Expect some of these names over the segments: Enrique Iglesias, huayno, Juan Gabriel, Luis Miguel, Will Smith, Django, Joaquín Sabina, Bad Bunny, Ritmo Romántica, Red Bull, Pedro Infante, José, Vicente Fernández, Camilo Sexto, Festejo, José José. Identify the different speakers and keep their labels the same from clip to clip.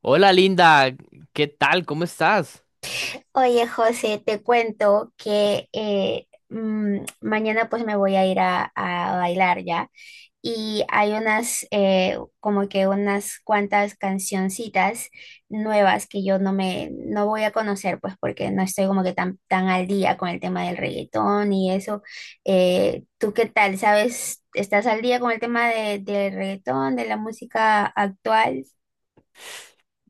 Speaker 1: Hola Linda, ¿qué tal? ¿Cómo estás?
Speaker 2: Oye, José, te cuento que mañana pues me voy a ir a bailar ya y hay unas como que unas cuantas cancioncitas nuevas que yo no voy a conocer pues porque no estoy como que tan al día con el tema del reggaetón y eso. ¿Tú qué tal? ¿Sabes? ¿Estás al día con el tema del reggaetón, de la música actual?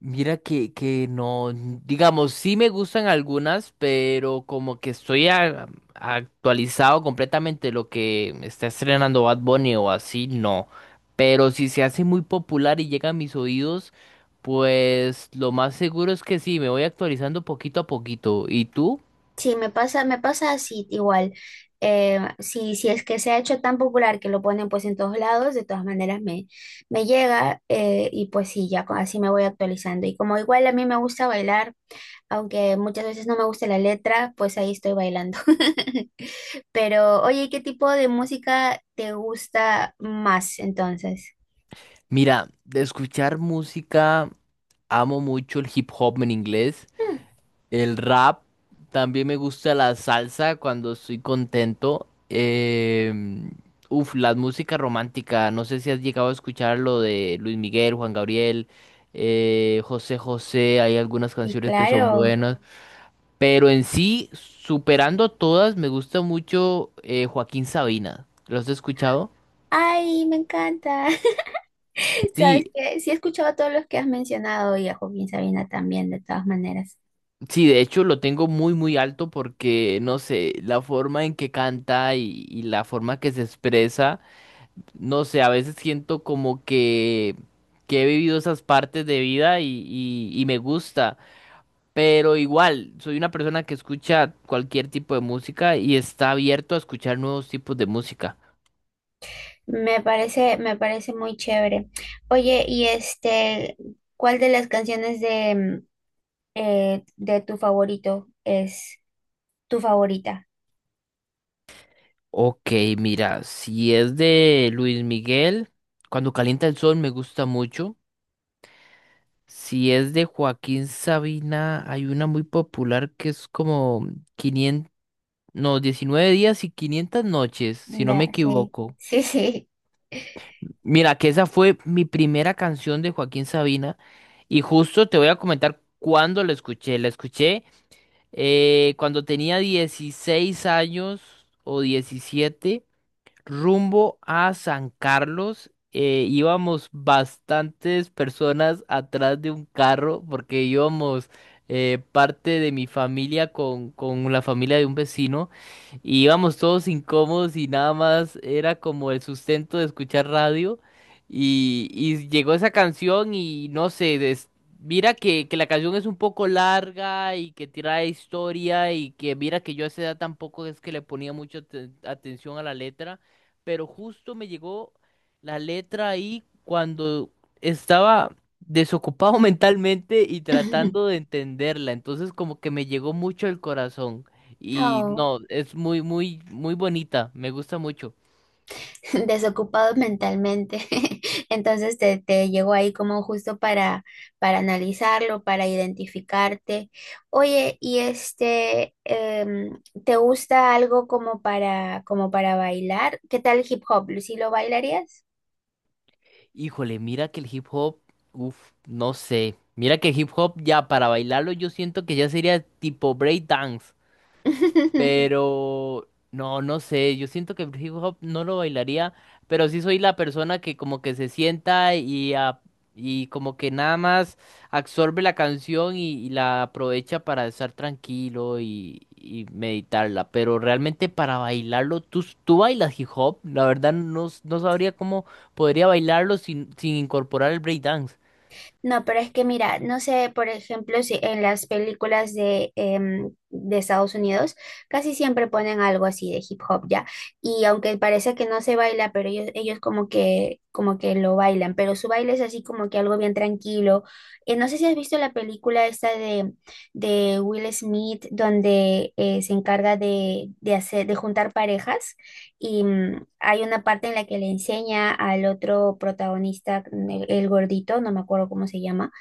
Speaker 1: Mira que no, digamos, sí me gustan algunas, pero como que estoy actualizado completamente lo que está estrenando Bad Bunny o así, no. Pero si se hace muy popular y llega a mis oídos, pues lo más seguro es que sí, me voy actualizando poquito a poquito. ¿Y tú?
Speaker 2: Sí, me pasa así igual. Si, si es que se ha hecho tan popular que lo ponen pues en todos lados. De todas maneras me llega, y pues sí, ya así me voy actualizando. Y como igual a mí me gusta bailar, aunque muchas veces no me gusta la letra, pues ahí estoy bailando. Pero oye, ¿qué tipo de música te gusta más entonces?
Speaker 1: Mira, de escuchar música, amo mucho el hip hop en inglés.
Speaker 2: Mm.
Speaker 1: El rap, también me gusta la salsa cuando estoy contento. em, la música romántica, no sé si has llegado a escuchar lo de Luis Miguel, Juan Gabriel, José José, hay algunas
Speaker 2: Sí,
Speaker 1: canciones que son
Speaker 2: claro.
Speaker 1: buenas, pero en sí, superando todas, me gusta mucho Joaquín Sabina. ¿Lo has escuchado?
Speaker 2: Ay, me encanta. Sabes
Speaker 1: Sí,
Speaker 2: que sí he escuchado a todos los que has mencionado y a Joaquín Sabina también, de todas maneras.
Speaker 1: sí, de hecho lo tengo muy alto porque, no sé, la forma en que canta y la forma que se expresa. No sé, a veces siento como que he vivido esas partes de vida y me gusta, pero igual soy una persona que escucha cualquier tipo de música y está abierto a escuchar nuevos tipos de música.
Speaker 2: Me parece muy chévere. Oye, y este, ¿cuál de las canciones de tu favorito es tu favorita?
Speaker 1: Ok, mira, si es de Luis Miguel, Cuando calienta el sol me gusta mucho. Si es de Joaquín Sabina, hay una muy popular que es como 500, no, 19 días y 500 noches, si no me
Speaker 2: Sí,
Speaker 1: equivoco.
Speaker 2: sí, sí.
Speaker 1: Mira, que esa fue mi primera canción de Joaquín Sabina y justo te voy a comentar cuándo la escuché. La escuché cuando tenía 16 años o 17 rumbo a San Carlos. Íbamos bastantes personas atrás de un carro porque íbamos parte de mi familia con la familia de un vecino y íbamos todos incómodos y nada más era como el sustento de escuchar radio y llegó esa canción y no sé, mira que la canción es un poco larga y que tira historia y que mira que yo a esa edad tampoco es que le ponía mucha atención a la letra pero justo me llegó la letra ahí cuando estaba desocupado mentalmente y tratando de entenderla. Entonces como que me llegó mucho el corazón. Y
Speaker 2: Oh.
Speaker 1: no, es muy bonita. Me gusta mucho.
Speaker 2: Desocupados mentalmente. Entonces te llegó ahí como justo para analizarlo, para identificarte. Oye, ¿y este, te gusta algo como para, como para bailar? ¿Qué tal hip hop? ¿Sí lo bailarías?
Speaker 1: Híjole, mira que el hip hop, uff, no sé. Mira que el hip hop ya para bailarlo yo siento que ya sería tipo break dance. Pero no, no sé, yo siento que el hip hop no lo bailaría, pero sí soy la persona que como que se sienta y como que nada más absorbe la canción y la aprovecha para estar tranquilo y meditarla. Pero realmente para bailarlo, ¿ tú bailas hip hop? La verdad no, no sabría cómo podría bailarlo sin incorporar el breakdance.
Speaker 2: No, pero es que mira, no sé, por ejemplo, si en las películas de Estados Unidos casi siempre ponen algo así de hip hop ya. Y aunque parece que no se baila, pero ellos como que lo bailan, pero su baile es así como que algo bien tranquilo. No sé si has visto la película esta de Will Smith, donde se encarga de hacer, de juntar parejas. Y hay una parte en la que le enseña al otro protagonista, mm, el gordito, no me acuerdo cómo se llama.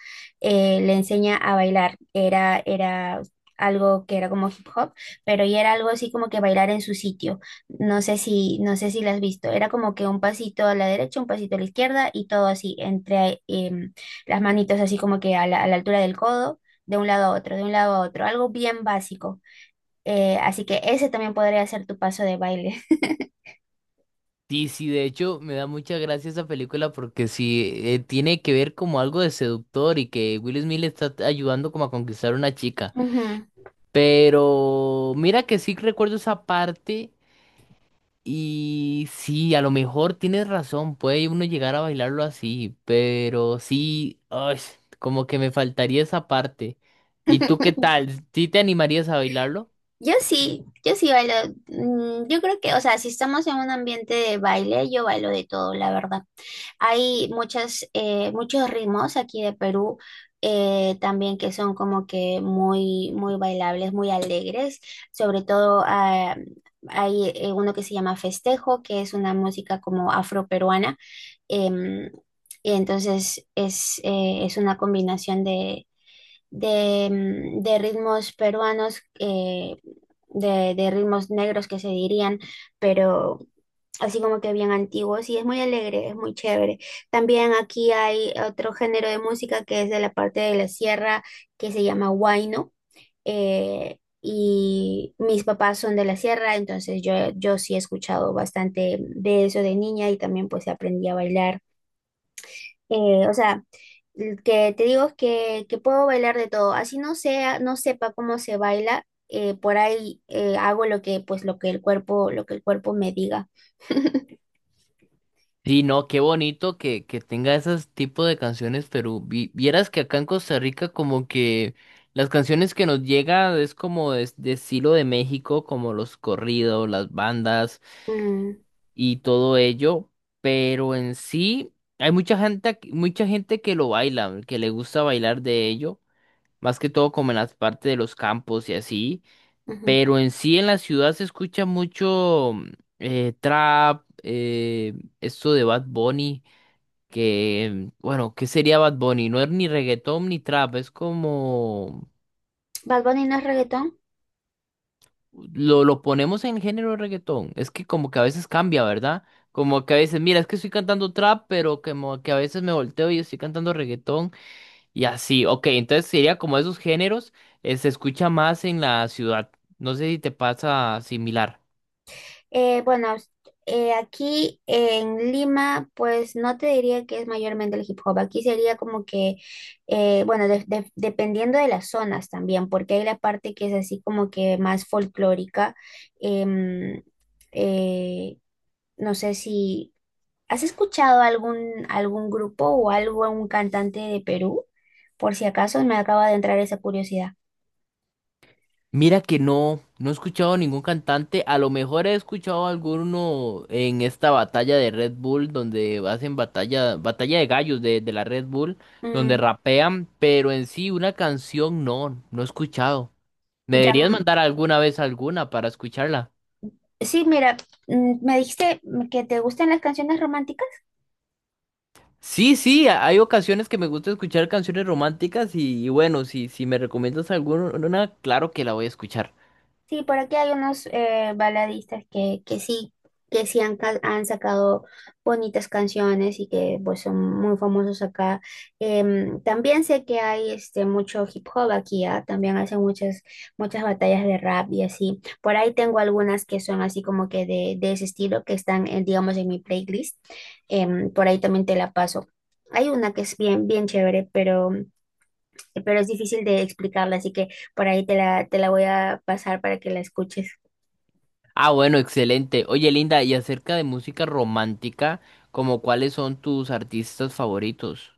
Speaker 2: Le enseña a bailar. Era, era algo que era como hip hop, pero ya era algo así como que bailar en su sitio. No sé si, no sé si lo has visto. Era como que un pasito a la derecha, un pasito a la izquierda y todo así, entre las manitos así como que a la altura del codo, de un lado a otro, de un lado a otro. Algo bien básico. Así que ese también podría ser tu paso de baile.
Speaker 1: Sí, sí, de hecho me da mucha gracia esa película porque sí tiene que ver como algo de seductor y que Will Smith le está ayudando como a conquistar a una chica.
Speaker 2: Ujú.
Speaker 1: Pero mira que sí recuerdo esa parte y sí, a lo mejor tienes razón, puede uno llegar a bailarlo así, pero sí, ay, como que me faltaría esa parte. ¿Y tú qué tal? ¿Sí te animarías a bailarlo?
Speaker 2: Yo sí, yo sí bailo. Mm, yo creo que, o sea, si estamos en un ambiente de baile, yo bailo de todo, la verdad. Hay muchas, muchos ritmos aquí de Perú, también, que son como que muy, muy bailables, muy alegres. Sobre todo ah, hay uno que se llama Festejo, que es una música como afroperuana. em, y entonces es una combinación de ritmos peruanos. De ritmos negros, que se dirían, pero así como que bien antiguos, y es muy alegre, es muy chévere. También aquí hay otro género de música que es de la parte de la sierra, que se llama huayno. Y mis papás son de la sierra, entonces yo sí he escuchado bastante de eso de niña, y también pues aprendí a bailar. O sea, el que te digo es que puedo bailar de todo. Así no sea, no sepa cómo se baila, por ahí hago lo que, pues, lo que el cuerpo, lo que el cuerpo me diga.
Speaker 1: Sí, no, qué bonito que tenga esos tipos de canciones, pero vieras que acá en Costa Rica como que las canciones que nos llega es como de estilo de México, como los corridos, las bandas
Speaker 2: Mm.
Speaker 1: y todo ello, pero en sí hay mucha gente, aquí- mucha gente que lo baila, que le gusta bailar de ello, más que todo como en las partes de los campos y así,
Speaker 2: Ujú.
Speaker 1: pero en sí en la ciudad se escucha mucho trap, esto de Bad Bunny que, bueno, ¿qué sería Bad Bunny? No es ni reggaetón ni trap, es como,
Speaker 2: ¿Bad Bunny no es reggaetón?
Speaker 1: lo ponemos en el género de reggaetón, es que como que a veces cambia, ¿verdad? Como que a veces, mira, es que estoy cantando trap, pero como que a veces me volteo y estoy cantando reggaetón y así, ok, entonces sería como esos géneros, se escucha más en la ciudad, no sé si te pasa similar.
Speaker 2: Bueno, aquí en Lima, pues no te diría que es mayormente el hip hop. Aquí sería como que, bueno, dependiendo de las zonas también, porque hay la parte que es así como que más folclórica. Em, eh, no sé si has escuchado algún, algún grupo o algo, un cantante de Perú, por si acaso me acaba de entrar esa curiosidad.
Speaker 1: Mira que no, no he escuchado ningún cantante. A lo mejor he escuchado alguno en esta batalla de Red Bull, donde hacen batalla, batalla de gallos de la Red Bull, donde
Speaker 2: Mm,
Speaker 1: rapean, pero en sí una canción no, no he escuchado. ¿Me
Speaker 2: ya,
Speaker 1: deberías mandar alguna vez alguna para escucharla?
Speaker 2: sí, mira, mm, me dijiste que te gustan las canciones románticas.
Speaker 1: Sí, sí, hay ocasiones que me gusta escuchar canciones románticas y bueno, si me recomiendas alguna, claro que la voy a escuchar.
Speaker 2: Sí, por aquí hay unos baladistas que sí han, han sacado bonitas canciones y que pues son muy famosos acá. También sé que hay este mucho hip hop aquí, ¿ah? También hacen muchas, muchas batallas de rap y así. Por ahí tengo algunas que son así como que de ese estilo, que están, en, digamos, en mi playlist. Por ahí también te la paso. Hay una que es bien, bien chévere, pero es difícil de explicarla, así que por ahí te la voy a pasar para que la escuches.
Speaker 1: Ah, bueno, excelente. Oye, Linda, y acerca de música romántica, ¿como cuáles son tus artistas favoritos?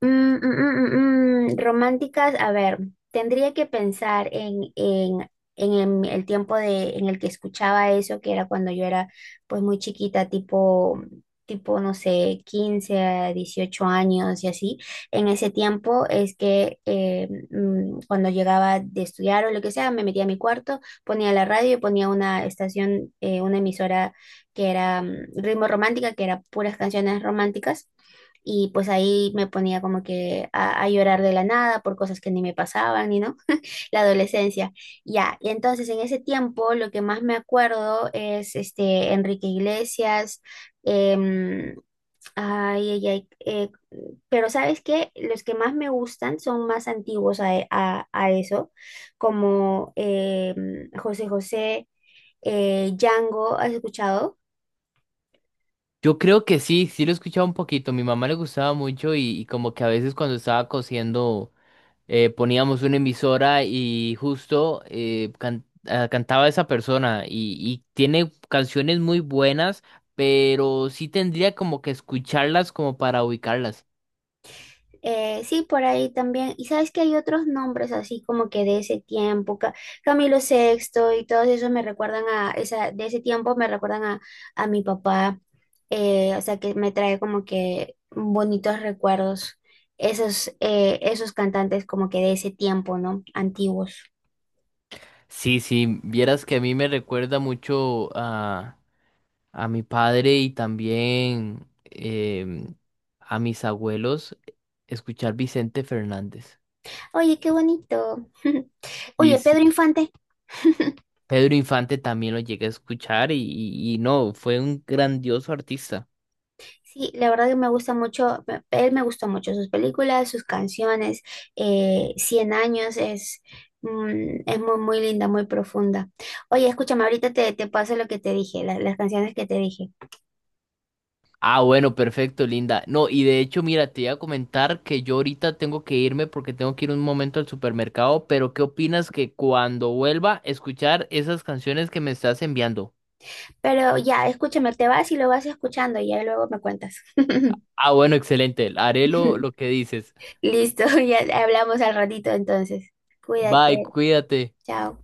Speaker 2: Románticas, a ver, tendría que pensar en, el tiempo de, en el que escuchaba eso, que era cuando yo era pues muy chiquita, tipo, tipo, no sé, 15 a 18 años y así. En ese tiempo es que cuando llegaba de estudiar o lo que sea, me metía a mi cuarto, ponía la radio y ponía una estación, una emisora que era mm, Ritmo Romántica, que era puras canciones románticas, y pues ahí me ponía como que a llorar de la nada por cosas que ni me pasaban, y no, la adolescencia. Ya, y entonces en ese tiempo lo que más me acuerdo es este Enrique Iglesias, em, ay, ay, ay, pero ¿sabes qué? Los que más me gustan son más antiguos a eso, como José José, Django, ¿has escuchado?
Speaker 1: Yo creo que sí, sí lo he escuchado un poquito. Mi mamá le gustaba mucho y como que a veces cuando estaba cosiendo poníamos una emisora y justo cantaba esa persona y tiene canciones muy buenas, pero sí tendría como que escucharlas como para ubicarlas.
Speaker 2: Sí, por ahí también. Y sabes que hay otros nombres así como que de ese tiempo, Camilo Sexto, y todos esos me recuerdan a esa, de ese tiempo me recuerdan a mi papá. O sea que me trae como que bonitos recuerdos. Esos, esos cantantes como que de ese tiempo, ¿no? Antiguos.
Speaker 1: Sí, sí, vieras que a mí me recuerda mucho a mi padre y también a mis abuelos escuchar Vicente Fernández.
Speaker 2: Oye, qué bonito.
Speaker 1: Y
Speaker 2: Oye, Pedro
Speaker 1: sí,
Speaker 2: Infante.
Speaker 1: Pedro Infante también lo llegué a escuchar y no, fue un grandioso artista.
Speaker 2: Sí, la verdad que me gusta mucho, él me gustó mucho sus películas, sus canciones, 100 años es, mm, es muy, muy linda, muy profunda. Oye, escúchame, ahorita te, te paso lo que te dije, las canciones que te dije,
Speaker 1: Ah, bueno, perfecto, Linda. No, y de hecho, mira, te iba a comentar que yo ahorita tengo que irme porque tengo que ir un momento al supermercado, pero ¿qué opinas que cuando vuelva a escuchar esas canciones que me estás enviando?
Speaker 2: pero ya, escúchame, te vas y lo vas escuchando y ya luego me cuentas.
Speaker 1: Ah, bueno, excelente. Haré lo que dices.
Speaker 2: Listo, ya hablamos al ratito entonces.
Speaker 1: Bye,
Speaker 2: Cuídate,
Speaker 1: cuídate.
Speaker 2: chao.